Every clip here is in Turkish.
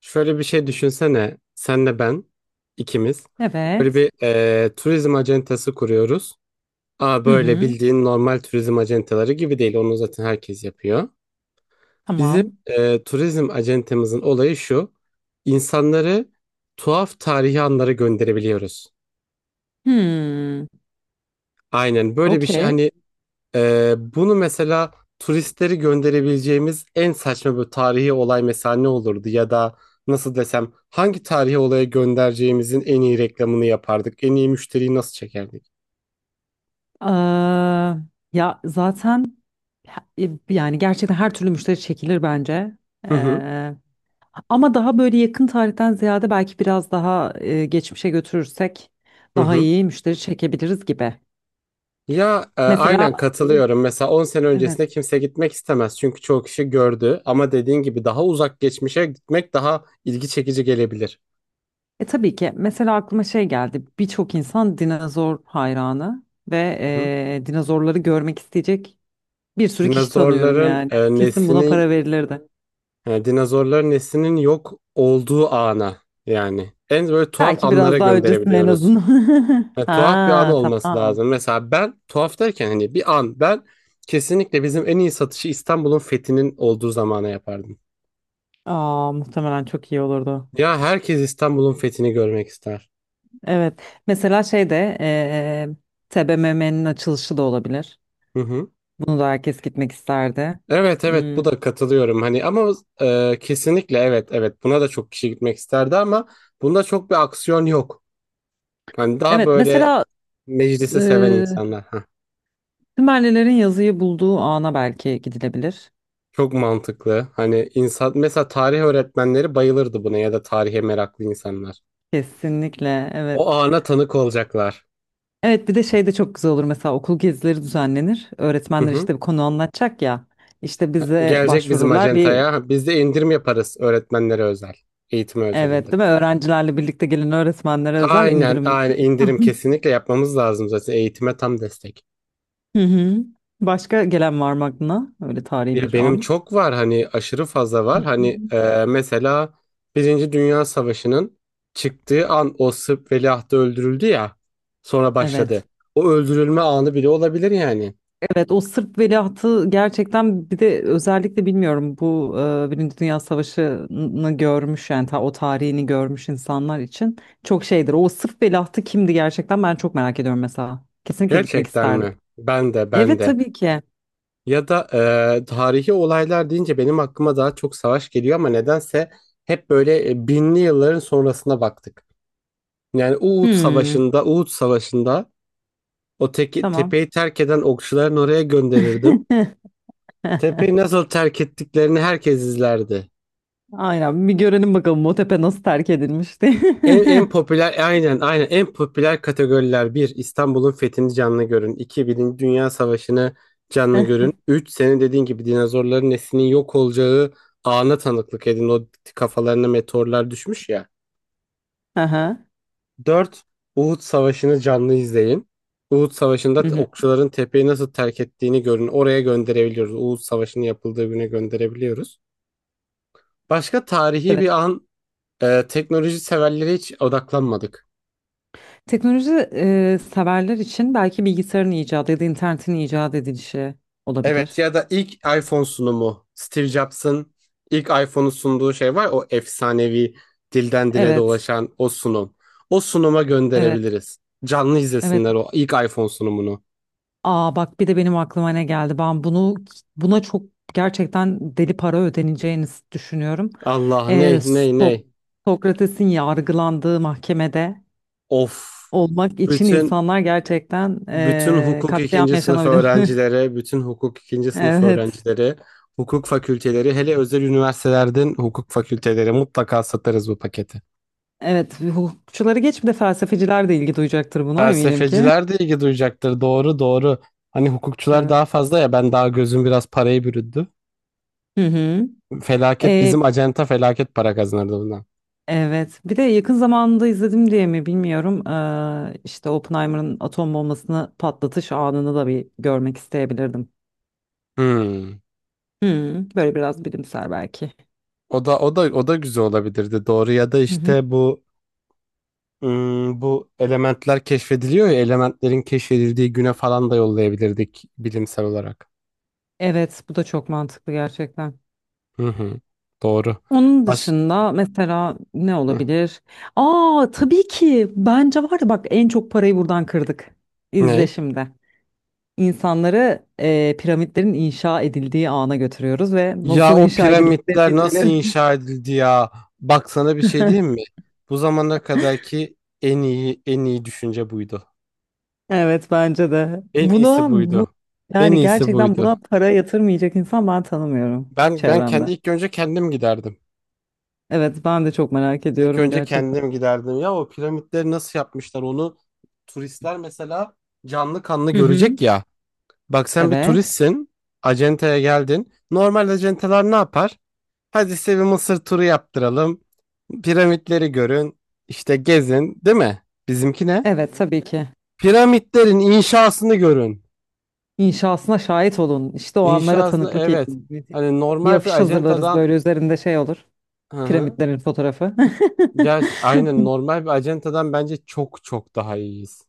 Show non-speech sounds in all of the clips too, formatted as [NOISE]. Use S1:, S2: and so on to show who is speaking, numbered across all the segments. S1: Şöyle bir şey düşünsene. Senle ben ikimiz böyle
S2: Evet.
S1: bir turizm acentası kuruyoruz. Aa,
S2: Hı
S1: böyle
S2: hı.
S1: bildiğin normal turizm acentaları gibi değil. Onu zaten herkes yapıyor. Bizim
S2: Tamam.
S1: turizm acentemizin olayı şu. İnsanları tuhaf tarihi anlara gönderebiliyoruz.
S2: Hmm.
S1: Aynen böyle bir şey
S2: Okey.
S1: hani. Bunu mesela turistleri gönderebileceğimiz en saçma bir tarihi olay mesela ne olurdu, ya da nasıl desem hangi tarihi olaya göndereceğimizin en iyi reklamını yapardık, en iyi müşteriyi nasıl çekerdik?
S2: Aa, ya zaten yani gerçekten her türlü müşteri çekilir bence.
S1: Hı hı,
S2: Ee, ama daha böyle yakın tarihten ziyade belki biraz daha geçmişe götürürsek
S1: hı
S2: daha
S1: hı.
S2: iyi müşteri çekebiliriz gibi.
S1: Ya,
S2: Mesela
S1: aynen
S2: e,
S1: katılıyorum. Mesela 10 sene öncesinde
S2: evet.
S1: kimse gitmek istemez çünkü çoğu kişi gördü, ama dediğin gibi daha uzak geçmişe gitmek daha ilgi çekici gelebilir.
S2: E tabii ki mesela aklıma şey geldi. Birçok insan dinozor hayranı ve
S1: Hı hı.
S2: dinozorları görmek isteyecek. Bir sürü kişi tanıyorum
S1: Dinozorların
S2: yani. Kesin buna
S1: neslini.
S2: para verilirdi.
S1: Yani dinozorların neslinin yok olduğu ana yani. En böyle tuhaf
S2: Belki
S1: anlara
S2: biraz daha öncesinde en
S1: gönderebiliyoruz.
S2: azından. [LAUGHS]
S1: Yani tuhaf bir an
S2: Ha,
S1: olması
S2: tamam.
S1: lazım. Mesela ben tuhaf derken hani bir an ben kesinlikle bizim en iyi satışı İstanbul'un fethinin olduğu zamana yapardım.
S2: Aa, muhtemelen çok iyi olurdu.
S1: Ya, herkes İstanbul'un fethini görmek ister.
S2: Evet. Mesela şey de TBMM'nin açılışı da olabilir.
S1: Hı hı.
S2: Bunu da herkes gitmek isterdi.
S1: Evet evet,
S2: Hmm.
S1: bu da katılıyorum hani, ama kesinlikle evet evet, buna da çok kişi gitmek isterdi ama bunda çok bir aksiyon yok. Hani daha
S2: Evet.
S1: böyle
S2: Mesela
S1: meclisi seven
S2: eee
S1: insanlar.
S2: Sümerlilerin yazıyı bulduğu ana belki gidilebilir.
S1: Çok mantıklı. Hani insan mesela tarih öğretmenleri bayılırdı buna ya da tarihe meraklı insanlar.
S2: Kesinlikle. Evet.
S1: O ana tanık olacaklar.
S2: Evet, bir de şey de çok güzel olur, mesela okul gezileri düzenlenir.
S1: Hı
S2: Öğretmenler
S1: hı.
S2: işte bir konu anlatacak ya. İşte bize
S1: Gelecek bizim
S2: başvururlar bir,
S1: acentaya. Ha, biz de indirim yaparız öğretmenlere özel. Eğitime özel
S2: evet
S1: indirim.
S2: değil mi? Öğrencilerle birlikte gelen öğretmenlere özel
S1: Aynen,
S2: indirim.
S1: aynen, indirim
S2: [LAUGHS]
S1: kesinlikle yapmamız lazım zaten, eğitime tam destek.
S2: Hı hı. Başka gelen var mı aklına? Öyle tarihi
S1: Ya
S2: bir
S1: benim
S2: an.
S1: çok var hani, aşırı fazla
S2: Hı
S1: var.
S2: hı.
S1: Hani, mesela Birinci Dünya Savaşı'nın çıktığı an, o Sırp veliahtı öldürüldü ya. Sonra
S2: Evet.
S1: başladı. O öldürülme anı bile olabilir yani.
S2: Evet, o Sırp veliahtı gerçekten, bir de özellikle bilmiyorum bu Birinci Dünya Savaşı'nı görmüş, yani o tarihini görmüş insanlar için çok şeydir. O Sırp veliahtı kimdi gerçekten, ben çok merak ediyorum mesela. Kesinlikle gitmek
S1: Gerçekten
S2: isterdim.
S1: mi? Ben de, ben
S2: Evet,
S1: de.
S2: tabii ki.
S1: Ya da tarihi olaylar deyince benim aklıma daha çok savaş geliyor ama nedense hep böyle binli yılların sonrasına baktık. Yani Uhud
S2: Hmm,
S1: Savaşı'nda, Uhud Savaşı'nda
S2: tamam.
S1: tepeyi terk eden okçuların oraya gönderirdim.
S2: [LAUGHS]
S1: Tepeyi nasıl terk ettiklerini herkes izlerdi.
S2: Aynen, bir görelim bakalım o tepe nasıl terk edilmişti.
S1: En popüler, aynen aynen en popüler kategoriler: bir, İstanbul'un fethini canlı görün. İki Birinci Dünya Savaşı'nı canlı
S2: [LAUGHS]
S1: görün. Üç, senin dediğin gibi dinozorların neslinin yok olacağı ana tanıklık edin. O, kafalarına meteorlar düşmüş ya.
S2: Aha.
S1: Dört, Uhud Savaşı'nı canlı izleyin. Uhud Savaşı'nda
S2: Hı hı.
S1: okçuların tepeyi nasıl terk ettiğini görün. Oraya gönderebiliyoruz. Uhud Savaşı'nın yapıldığı güne gönderebiliyoruz. Başka tarihi bir
S2: Evet.
S1: an. Teknoloji severlere hiç odaklanmadık.
S2: Teknoloji severler için belki bilgisayarın icadı ya da internetin icat edilişi
S1: Evet,
S2: olabilir.
S1: ya da ilk iPhone sunumu. Steve Jobs'ın ilk iPhone'u sunduğu şey var. O efsanevi, dilden dile
S2: Evet,
S1: dolaşan o sunum. O sunuma
S2: evet,
S1: gönderebiliriz. Canlı
S2: evet.
S1: izlesinler o ilk iPhone sunumunu.
S2: Aa, bak bir de benim aklıma ne geldi. Ben bunu, buna çok gerçekten deli para ödeneceğini düşünüyorum.
S1: Allah,
S2: E,
S1: ney ney ney.
S2: So- Sokrates'in yargılandığı mahkemede
S1: Of.
S2: olmak için
S1: Bütün
S2: insanlar gerçekten
S1: bütün hukuk
S2: katliam
S1: ikinci sınıf
S2: yaşanabilir. [LAUGHS]
S1: öğrencileri, bütün hukuk ikinci sınıf
S2: Evet,
S1: öğrencileri, hukuk fakülteleri, hele özel üniversitelerden hukuk fakülteleri mutlaka satarız bu paketi.
S2: evet. Hukukçuları geç, bir de felsefeciler de ilgi duyacaktır buna eminim ki.
S1: Felsefeciler de ilgi duyacaktır. Doğru, doğru. Hani hukukçular
S2: Evet.
S1: daha fazla ya, ben daha gözüm biraz parayı bürüdü.
S2: Hı hı.
S1: Felaket, bizim acenta felaket para kazanırdı bundan.
S2: Evet. Bir de yakın zamanda izledim diye mi bilmiyorum. İşte Oppenheimer'ın atom bombasını patlatış anını da bir görmek isteyebilirdim.
S1: Hmm.
S2: Hmm, böyle biraz bilimsel belki.
S1: O da, o da, o da güzel olabilirdi. Doğru. Ya da
S2: Hı hı.
S1: işte bu elementler keşfediliyor ya, elementlerin keşfedildiği güne falan da yollayabilirdik bilimsel olarak.
S2: Evet, bu da çok mantıklı gerçekten.
S1: Hı hı. Doğru.
S2: Onun
S1: Baş...
S2: dışında mesela ne
S1: Hı.
S2: olabilir? Aa, tabii ki bence var ya, bak en çok parayı buradan kırdık. İzle
S1: Ne?
S2: şimdi. İnsanları piramitlerin inşa edildiği ana götürüyoruz ve
S1: Ya
S2: nasıl
S1: o
S2: inşa edildiğini
S1: piramitler nasıl
S2: biliyoruz.
S1: inşa edildi ya? Bak sana bir şey diyeyim
S2: [LAUGHS]
S1: mi? Bu zamana kadarki en iyi, en iyi düşünce buydu.
S2: Evet, bence de.
S1: En iyisi
S2: Buna, bu
S1: buydu. En
S2: yani
S1: iyisi
S2: gerçekten,
S1: buydu.
S2: buna para yatırmayacak insan ben tanımıyorum
S1: Ben
S2: çevremde.
S1: ilk önce kendim giderdim.
S2: Evet, ben de çok merak
S1: İlk
S2: ediyorum
S1: önce
S2: gerçekten.
S1: kendim giderdim. Ya o piramitleri nasıl yapmışlar onu turistler mesela canlı kanlı
S2: Hı hı.
S1: görecek ya. Bak, sen bir
S2: Evet.
S1: turistsin. Acenteye geldin. Normal acenteler ne yapar? Hadi size bir Mısır turu yaptıralım. Piramitleri görün. İşte gezin, değil mi? Bizimki ne?
S2: Evet, tabii ki.
S1: Piramitlerin inşasını görün.
S2: İnşasına şahit olun. İşte o anlara
S1: İnşasını,
S2: tanıklık
S1: evet.
S2: edin.
S1: Hani
S2: Bir
S1: normal bir
S2: afiş hazırlarız,
S1: acentadan,
S2: böyle üzerinde şey olur.
S1: hı hı.
S2: Piramitlerin fotoğrafı.
S1: Gerçi aynen,
S2: [LAUGHS]
S1: normal bir acentadan bence çok çok daha iyiyiz.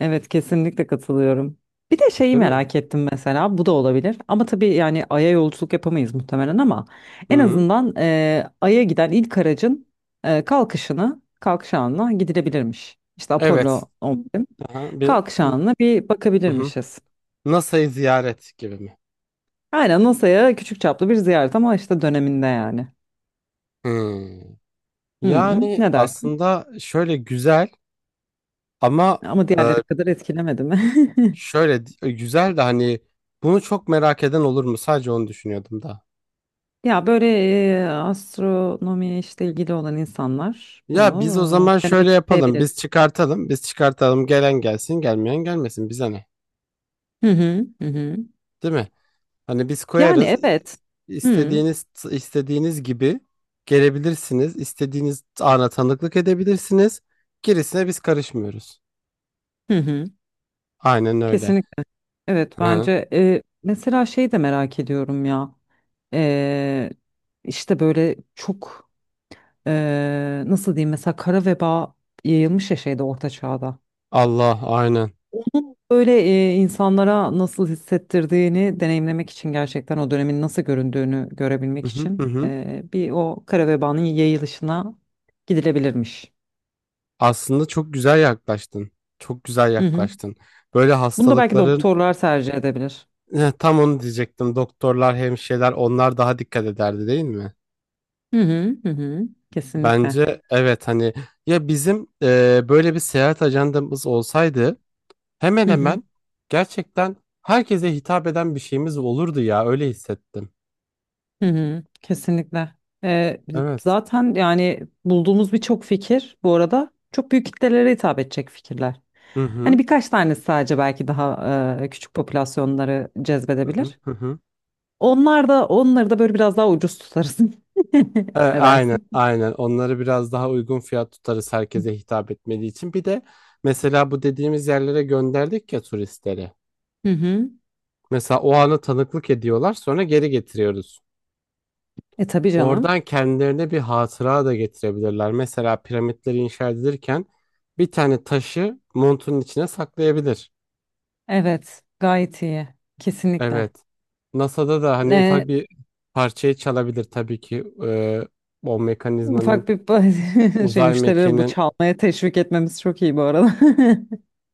S2: Evet, kesinlikle katılıyorum. Bir de şeyi
S1: Değil mi?
S2: merak ettim mesela, bu da olabilir ama tabii yani Ay'a yolculuk yapamayız muhtemelen ama
S1: Hı
S2: en
S1: hı.
S2: azından Ay'a giden ilk aracın kalkış anına gidilebilirmiş. İşte
S1: Evet.
S2: Apollo 11
S1: Hı hı. Bir,
S2: kalkış anına bir
S1: hı hı.
S2: bakabilirmişiz.
S1: NASA'yı ziyaret gibi mi?
S2: Aynen, NASA'ya küçük çaplı bir ziyaret ama işte döneminde yani.
S1: Hı.
S2: Hı hı,
S1: Yani
S2: ne dersin?
S1: aslında şöyle güzel ama.
S2: Ama diğerleri kadar etkilemedi mi? [LAUGHS]
S1: Şöyle güzel de hani bunu çok merak eden olur mu? Sadece onu düşünüyordum da.
S2: Ya böyle astronomiye işte ilgili olan insanlar
S1: Ya biz o
S2: bunu
S1: zaman
S2: denemek
S1: şöyle yapalım.
S2: isteyebilir.
S1: Biz çıkartalım. Biz çıkartalım. Gelen gelsin, gelmeyen gelmesin. Bize ne?
S2: Hı hı, hı hı.
S1: Değil mi? Hani biz
S2: Yani
S1: koyarız. İ-
S2: evet. Hı
S1: istediğiniz istediğiniz gibi gelebilirsiniz. İstediğiniz ana tanıklık edebilirsiniz. Gerisine biz karışmıyoruz.
S2: hı hı.
S1: Aynen öyle.
S2: Kesinlikle. Evet,
S1: Hı hı.
S2: bence mesela şey de merak ediyorum ya. E, işte böyle çok nasıl diyeyim, mesela kara veba yayılmış ya şeyde, orta çağda.
S1: Allah, aynen.
S2: Böyle insanlara nasıl hissettirdiğini deneyimlemek için, gerçekten o dönemin nasıl göründüğünü
S1: Hı
S2: görebilmek
S1: hı hı,
S2: için
S1: hı.
S2: bir o kara vebanın yayılışına gidilebilirmiş.
S1: Aslında çok güzel yaklaştın. Çok güzel
S2: Hı hı.
S1: yaklaştın. Böyle
S2: Bunu da belki
S1: hastalıkların.
S2: doktorlar tercih edebilir.
S1: Tam onu diyecektim. Doktorlar, hemşireler onlar daha dikkat ederdi değil mi?
S2: Hı hı hı hı. Kesinlikle.
S1: Bence evet hani, ya bizim böyle bir seyahat ajandamız olsaydı hemen
S2: Hı hı
S1: hemen gerçekten herkese hitap eden bir şeyimiz olurdu ya, öyle hissettim.
S2: hı hı. Kesinlikle.
S1: Evet.
S2: Zaten yani bulduğumuz birçok fikir bu arada çok büyük kitlelere hitap edecek fikirler.
S1: Hı hı.
S2: Hani birkaç tanesi sadece belki daha küçük popülasyonları
S1: Hı hı.
S2: cezbedebilir.
S1: Hı hı.
S2: Onlar da, onları da böyle biraz daha ucuz tutarız.
S1: E,
S2: [LAUGHS] Ne
S1: aynen
S2: dersin?
S1: aynen onları biraz daha uygun fiyat tutarız herkese hitap etmediği için. Bir de mesela bu dediğimiz yerlere gönderdik ya turistleri.
S2: Hı hı.
S1: Mesela o ana tanıklık ediyorlar, sonra geri getiriyoruz.
S2: E, tabii canım.
S1: Oradan kendilerine bir hatıra da getirebilirler. Mesela piramitleri inşa edilirken bir tane taşı montunun içine saklayabilir.
S2: Evet, gayet iyi. Kesinlikle.
S1: Evet. NASA'da da hani
S2: E,
S1: ufak bir parçayı çalabilir tabii ki. O mekanizmanın,
S2: ufak bir [LAUGHS] şey,
S1: uzay
S2: müşterileri bu
S1: mekiğinin.
S2: çalmaya teşvik etmemiz çok iyi bu arada.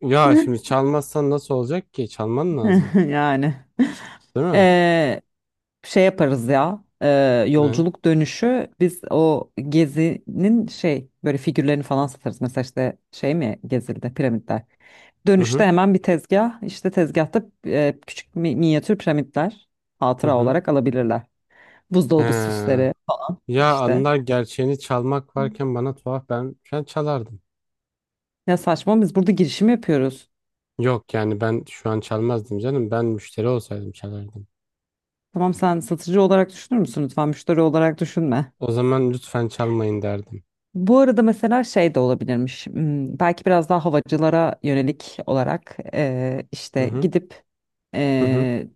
S1: Ya şimdi çalmazsan nasıl olacak ki? Çalman lazım.
S2: [LAUGHS] Yani.
S1: Değil mi?
S2: E, şey yaparız ya,
S1: Ne?
S2: yolculuk dönüşü biz o gezinin şey böyle figürlerini falan satarız. Mesela işte şey mi gezildi, piramitler.
S1: Hı
S2: Dönüşte
S1: hı.
S2: hemen bir tezgah, işte tezgahta minyatür piramitler
S1: Hı
S2: hatıra
S1: hı.
S2: olarak alabilirler. Buzdolabı
S1: He.
S2: süsleri
S1: Ya
S2: işte.
S1: anılar gerçeğini çalmak varken, bana tuhaf, ben ben çalardım.
S2: Ya saçma, biz burada girişim yapıyoruz.
S1: Yok yani, ben şu an çalmazdım canım. Ben müşteri olsaydım çalardım.
S2: Tamam, sen satıcı olarak düşünür müsün? Lütfen müşteri olarak düşünme.
S1: O zaman lütfen çalmayın derdim.
S2: Bu arada mesela şey de olabilirmiş. Belki biraz daha havacılara yönelik olarak
S1: Hı
S2: işte
S1: hı
S2: gidip
S1: hı, hı
S2: eee,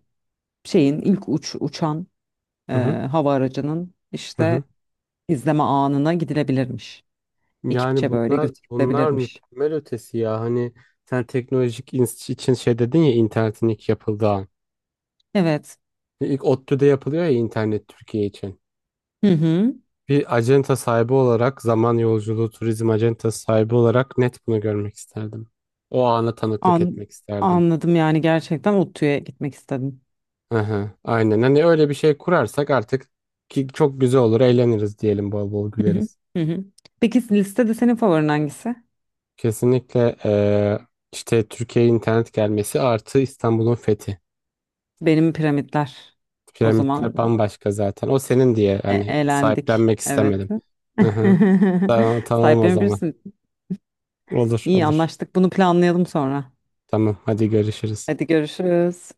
S2: şeyin ilk uç uçan eee,
S1: hı hı.
S2: hava aracının
S1: Hı
S2: işte
S1: hı.
S2: izleme anına gidilebilirmiş.
S1: Yani
S2: Ekipçe böyle
S1: bunlar bunlar
S2: götürülebilirmiş.
S1: mükemmel ötesi ya. Hani sen teknolojik için şey dedin ya, internetin ilk yapıldığı an.
S2: Evet.
S1: İlk ODTÜ'de yapılıyor ya internet Türkiye için.
S2: Hı hı.
S1: Bir acenta sahibi olarak, zaman yolculuğu turizm acentası sahibi olarak, net bunu görmek isterdim. O ana tanıklık
S2: An
S1: etmek isterdim.
S2: Anladım, yani gerçekten ODTÜ'ye gitmek istedim.
S1: Hı hı, aynen, hani öyle bir şey kurarsak artık, ki çok güzel olur, eğleniriz diyelim, bol bol
S2: Hı hı.
S1: güleriz.
S2: Hı hı. Peki, listede senin favorin hangisi?
S1: Kesinlikle işte Türkiye'ye internet gelmesi artı İstanbul'un fethi.
S2: Benim piramitler. O zaman
S1: Piramitler bambaşka zaten, o senin diye hani
S2: Eğlendik.
S1: sahiplenmek
S2: Evet. [LAUGHS]
S1: istemedim. Hı hı. Tamam, tamam, o zaman
S2: Sahiplenebilirsin.
S1: olur
S2: İyi
S1: olur,
S2: anlaştık. Bunu planlayalım sonra.
S1: tamam hadi görüşürüz.
S2: Hadi görüşürüz.